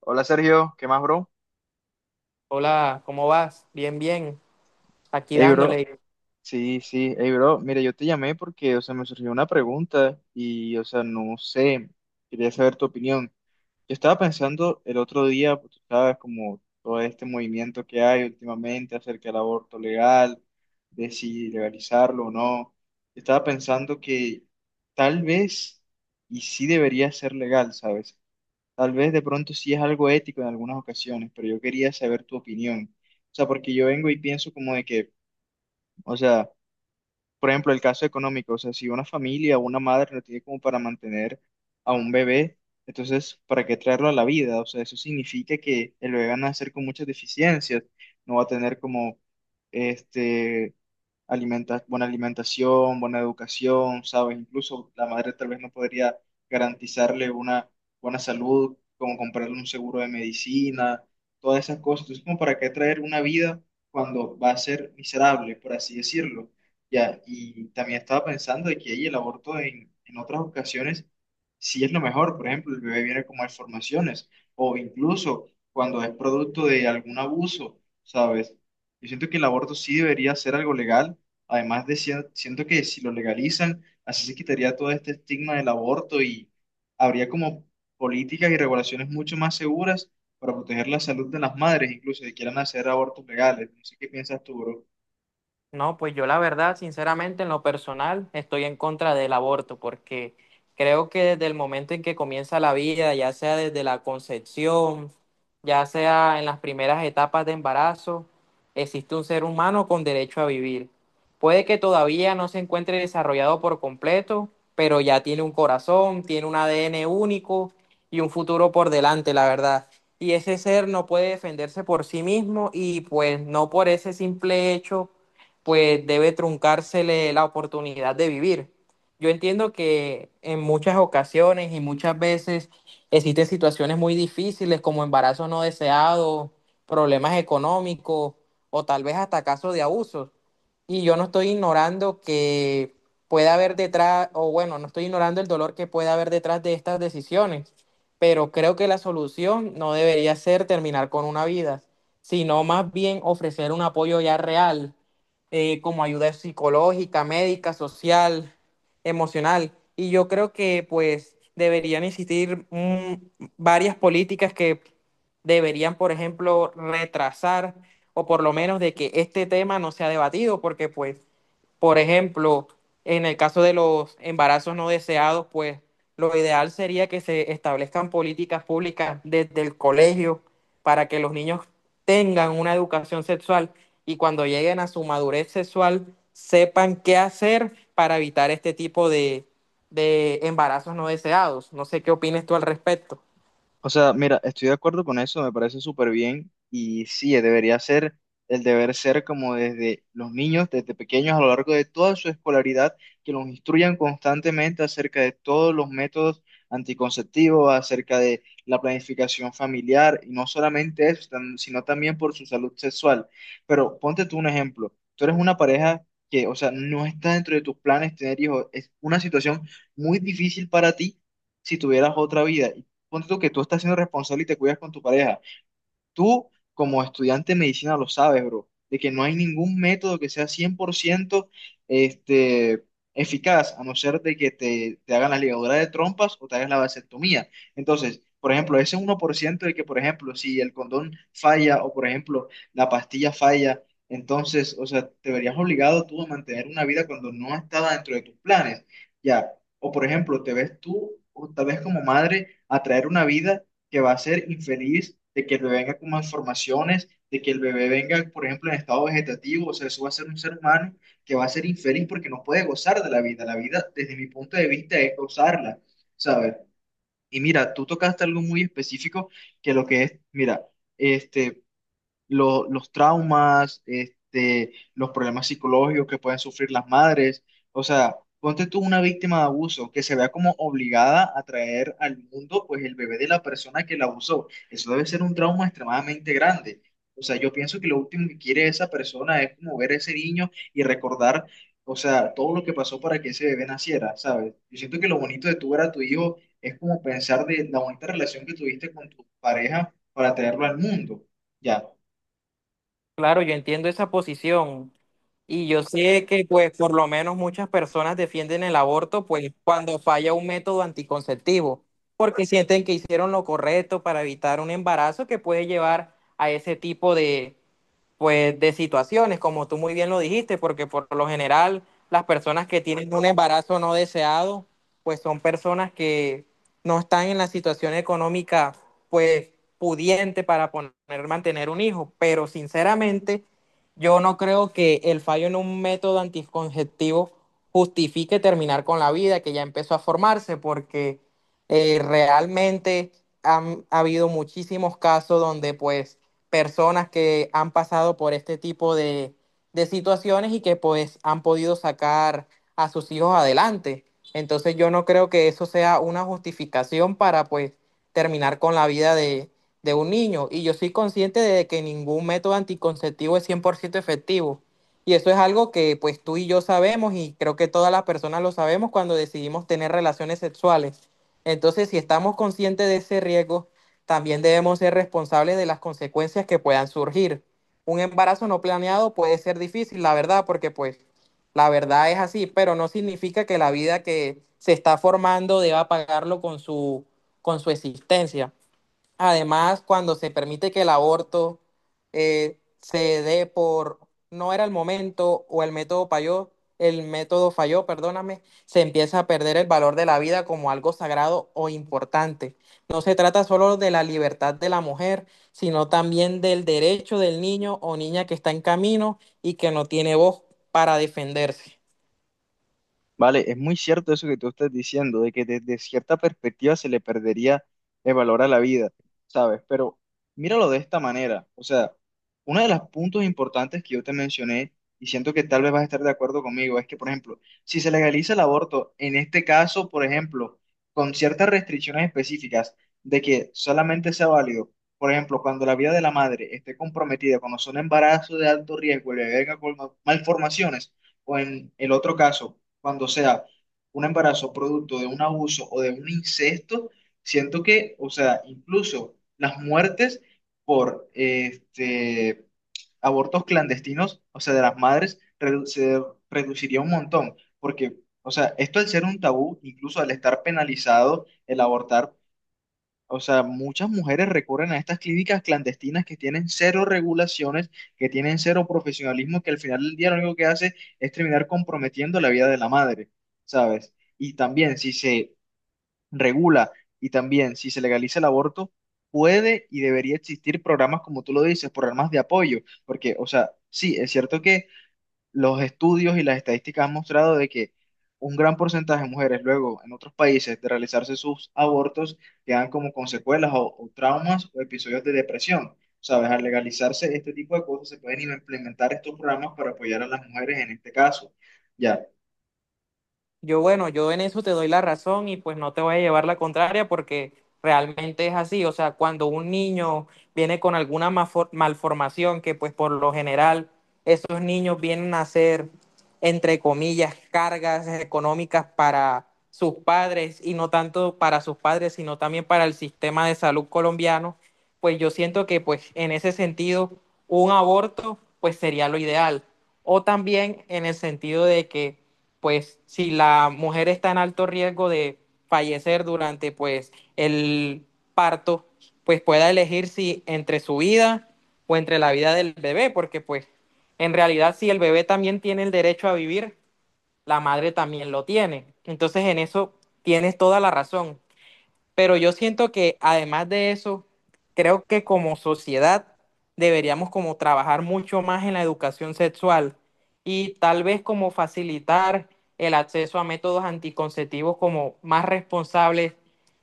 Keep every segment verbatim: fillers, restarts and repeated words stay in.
Hola Sergio, ¿qué más, bro? Hola, ¿cómo vas? Bien, bien. Aquí Hey, bro, dándole. sí, sí, hey, bro, mira, yo te llamé porque, o sea, me surgió una pregunta y, o sea, no sé, quería saber tu opinión. Yo estaba pensando el otro día, pues, tú sabes, como todo este movimiento que hay últimamente acerca del aborto legal, de si legalizarlo o no. Yo estaba pensando que tal vez y sí debería ser legal, ¿sabes? Tal vez de pronto sí es algo ético en algunas ocasiones, pero yo quería saber tu opinión. O sea, porque yo vengo y pienso como de que, o sea, por ejemplo, el caso económico, o sea, si una familia o una madre no tiene como para mantener a un bebé, entonces, ¿para qué traerlo a la vida? O sea, eso significa que el bebé va a nacer con muchas deficiencias, no va a tener como, este, alimenta- buena alimentación, buena educación, ¿sabes? Incluso la madre tal vez no podría garantizarle una buena salud, como comprarle un seguro de medicina, todas esas cosas. Entonces, ¿como para qué traer una vida cuando va a ser miserable, por así decirlo? Ya, y también estaba pensando de que ahí el aborto en, en otras ocasiones sí es lo mejor. Por ejemplo, el bebé viene con malformaciones o incluso cuando es producto de algún abuso, ¿sabes? Yo siento que el aborto sí debería ser algo legal. Además de, si- siento que si lo legalizan, así se quitaría todo este estigma del aborto y habría como políticas y regulaciones mucho más seguras para proteger la salud de las madres, incluso si quieran hacer abortos legales. No sé qué piensas tú, bro. No, pues yo la verdad, sinceramente, en lo personal, estoy en contra del aborto porque creo que desde el momento en que comienza la vida, ya sea desde la concepción, ya sea en las primeras etapas de embarazo, existe un ser humano con derecho a vivir. Puede que todavía no se encuentre desarrollado por completo, pero ya tiene un corazón, tiene un A D N único y un futuro por delante, la verdad. Y ese ser no puede defenderse por sí mismo y pues no por ese simple hecho pues debe truncársele la oportunidad de vivir. Yo entiendo que en muchas ocasiones y muchas veces existen situaciones muy difíciles como embarazos no deseados, problemas económicos o tal vez hasta casos de abusos. Y yo no estoy ignorando que pueda haber detrás, o bueno, no estoy ignorando el dolor que pueda haber detrás de estas decisiones, pero creo que la solución no debería ser terminar con una vida, sino más bien ofrecer un apoyo ya real, eh, como ayuda psicológica, médica, social, emocional. Y yo creo que pues deberían existir, mm, varias políticas que deberían, por ejemplo, retrasar o por lo menos de que este tema no sea debatido, porque pues, por ejemplo, en el caso de los embarazos no deseados, pues lo ideal sería que se establezcan políticas públicas desde el colegio para que los niños tengan una educación sexual y cuando lleguen a su madurez sexual sepan qué hacer para evitar este tipo de, de embarazos no deseados. No sé qué opinas tú al respecto. O sea, mira, estoy de acuerdo con eso, me parece súper bien y sí, debería ser el deber ser como desde los niños, desde pequeños a lo largo de toda su escolaridad, que los instruyan constantemente acerca de todos los métodos anticonceptivos, acerca de la planificación familiar y no solamente eso, tam- sino también por su salud sexual. Pero ponte tú un ejemplo, tú eres una pareja que, o sea, no está dentro de tus planes tener hijos, es una situación muy difícil para ti si tuvieras otra vida, ponte tú que tú estás siendo responsable y te cuidas con tu pareja. Tú, como estudiante de medicina, lo sabes, bro, de que no hay ningún método que sea cien por ciento, este, eficaz, a no ser de que te, te hagan la ligadura de trompas o te hagas la vasectomía. Entonces, por ejemplo, ese uno por ciento de que, por ejemplo, si el condón falla o, por ejemplo, la pastilla falla, entonces, o sea, te verías obligado tú a mantener una vida cuando no estaba dentro de tus planes. Ya, o por ejemplo, te ves tú, o tal vez como madre, a traer una vida que va a ser infeliz, de que el bebé venga con malformaciones, de que el bebé venga, por ejemplo, en estado vegetativo, o sea, eso va a ser un ser humano que va a ser infeliz porque no puede gozar de la vida. La vida, desde mi punto de vista, es gozarla, ¿sabes? Y mira, tú tocaste algo muy específico que lo que es, mira, este, lo- los traumas, este, los problemas psicológicos que pueden sufrir las madres. O sea, ponte tú una víctima de abuso que se vea como obligada a traer al mundo pues el bebé de la persona que la abusó. Eso debe ser un trauma extremadamente grande. O sea, yo pienso que lo último que quiere esa persona es como ver a ese niño y recordar, o sea, todo lo que pasó para que ese bebé naciera, ¿sabes? Yo siento que lo bonito de tú ver a tu hijo es como pensar de la bonita relación que tuviste con tu pareja para traerlo al mundo. Ya. Claro, yo entiendo esa posición y yo sé que pues por lo menos muchas personas defienden el aborto pues cuando falla un método anticonceptivo, porque sienten que hicieron lo correcto para evitar un embarazo que puede llevar a ese tipo de, pues de situaciones, como tú muy bien lo dijiste, porque por lo general las personas que tienen un embarazo no deseado, pues son personas que no están en la situación económica, pues pudiente para poner, mantener un hijo, pero sinceramente yo no creo que el fallo en un método anticonceptivo justifique terminar con la vida que ya empezó a formarse, porque eh, realmente han, ha habido muchísimos casos donde pues personas que han pasado por este tipo de, de situaciones y que pues han podido sacar a sus hijos adelante. Entonces yo no creo que eso sea una justificación para pues terminar con la vida de, de un niño. Y yo soy consciente de que ningún método anticonceptivo es cien por ciento efectivo. Y eso es algo que pues tú y yo sabemos y creo que todas las personas lo sabemos cuando decidimos tener relaciones sexuales. Entonces, si estamos conscientes de ese riesgo, también debemos ser responsables de las consecuencias que puedan surgir. Un embarazo no planeado puede ser difícil, la verdad, porque pues la verdad es así, pero no significa que la vida que se está formando deba pagarlo con su, con su existencia. Además, cuando se permite que el aborto, eh, se dé por no era el momento o el método falló, el método falló, perdóname, se empieza a perder el valor de la vida como algo sagrado o importante. No se trata solo de la libertad de la mujer, sino también del derecho del niño o niña que está en camino y que no tiene voz para defenderse. Vale, es muy cierto eso que tú estás diciendo, de que desde cierta perspectiva se le perdería el valor a la vida, ¿sabes? Pero míralo de esta manera, o sea, uno de los puntos importantes que yo te mencioné, y siento que tal vez vas a estar de acuerdo conmigo, es que, por ejemplo, si se legaliza el aborto, en este caso, por ejemplo, con ciertas restricciones específicas de que solamente sea válido, por ejemplo, cuando la vida de la madre esté comprometida, cuando son embarazos de alto riesgo, le venga con malformaciones, o en el otro caso cuando sea un embarazo producto de un abuso o de un incesto, siento que, o sea, incluso las muertes por este, abortos clandestinos, o sea, de las madres, redu- se reduciría un montón, porque, o sea, esto al ser un tabú, incluso al estar penalizado el abortar, o sea, muchas mujeres recurren a estas clínicas clandestinas que tienen cero regulaciones, que tienen cero profesionalismo, que al final del día lo único que hace es terminar comprometiendo la vida de la madre, ¿sabes? Y también si se regula y también si se legaliza el aborto, puede y debería existir programas, como tú lo dices, programas de apoyo, porque, o sea, sí, es cierto que los estudios y las estadísticas han mostrado de que un gran porcentaje de mujeres luego en otros países de realizarse sus abortos quedan como con secuelas o, o traumas o episodios de depresión. Sabes, al legalizarse este tipo de cosas se pueden implementar estos programas para apoyar a las mujeres en este caso. Ya. Yo, bueno, yo en eso te doy la razón y pues no te voy a llevar la contraria porque realmente es así. O sea, cuando un niño viene con alguna mafo- malformación, que pues por lo general esos niños vienen a ser, entre comillas, cargas económicas para sus padres y no tanto para sus padres, sino también para el sistema de salud colombiano, pues yo siento que pues en ese sentido un aborto pues sería lo ideal. O también en el sentido de que pues si la mujer está en alto riesgo de fallecer durante pues el parto, pues pueda elegir si entre su vida o entre la vida del bebé, porque pues en realidad si el bebé también tiene el derecho a vivir, la madre también lo tiene. Entonces en eso tienes toda la razón. Pero yo siento que además de eso, creo que como sociedad deberíamos como trabajar mucho más en la educación sexual y tal vez como facilitar el acceso a métodos anticonceptivos como más responsables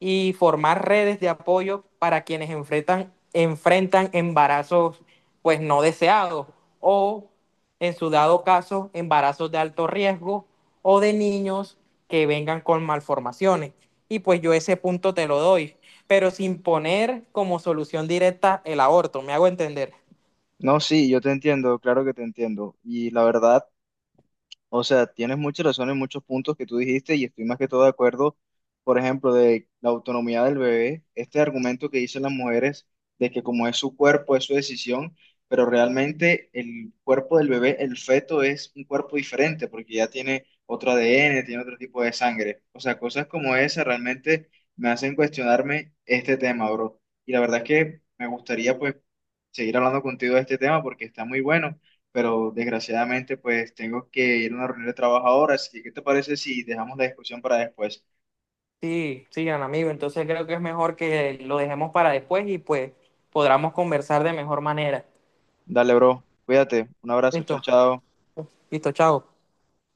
y formar redes de apoyo para quienes enfrentan, enfrentan embarazos pues no deseados o, en su dado caso, embarazos de alto riesgo o de niños que vengan con malformaciones. Y pues yo ese punto te lo doy, pero sin poner como solución directa el aborto, me hago entender. No, sí, yo te entiendo, claro que te entiendo. Y la verdad, o sea, tienes mucha razón en muchos puntos que tú dijiste y estoy más que todo de acuerdo, por ejemplo, de la autonomía del bebé, este argumento que dicen las mujeres de que como es su cuerpo, es su decisión, pero realmente el cuerpo del bebé, el feto, es un cuerpo diferente porque ya tiene otro A D N, tiene otro tipo de sangre. O sea, cosas como esa realmente me hacen cuestionarme este tema, bro. Y la verdad es que me gustaría pues seguir hablando contigo de este tema porque está muy bueno, pero desgraciadamente pues tengo que ir a una reunión de trabajo ahora, así que ¿qué te parece si dejamos la discusión para después? Sí, sigan amigo, entonces creo que es mejor que lo dejemos para después y pues podamos conversar de mejor manera. Dale, bro, cuídate, un abrazo, chao, Listo, chao. listo, chao.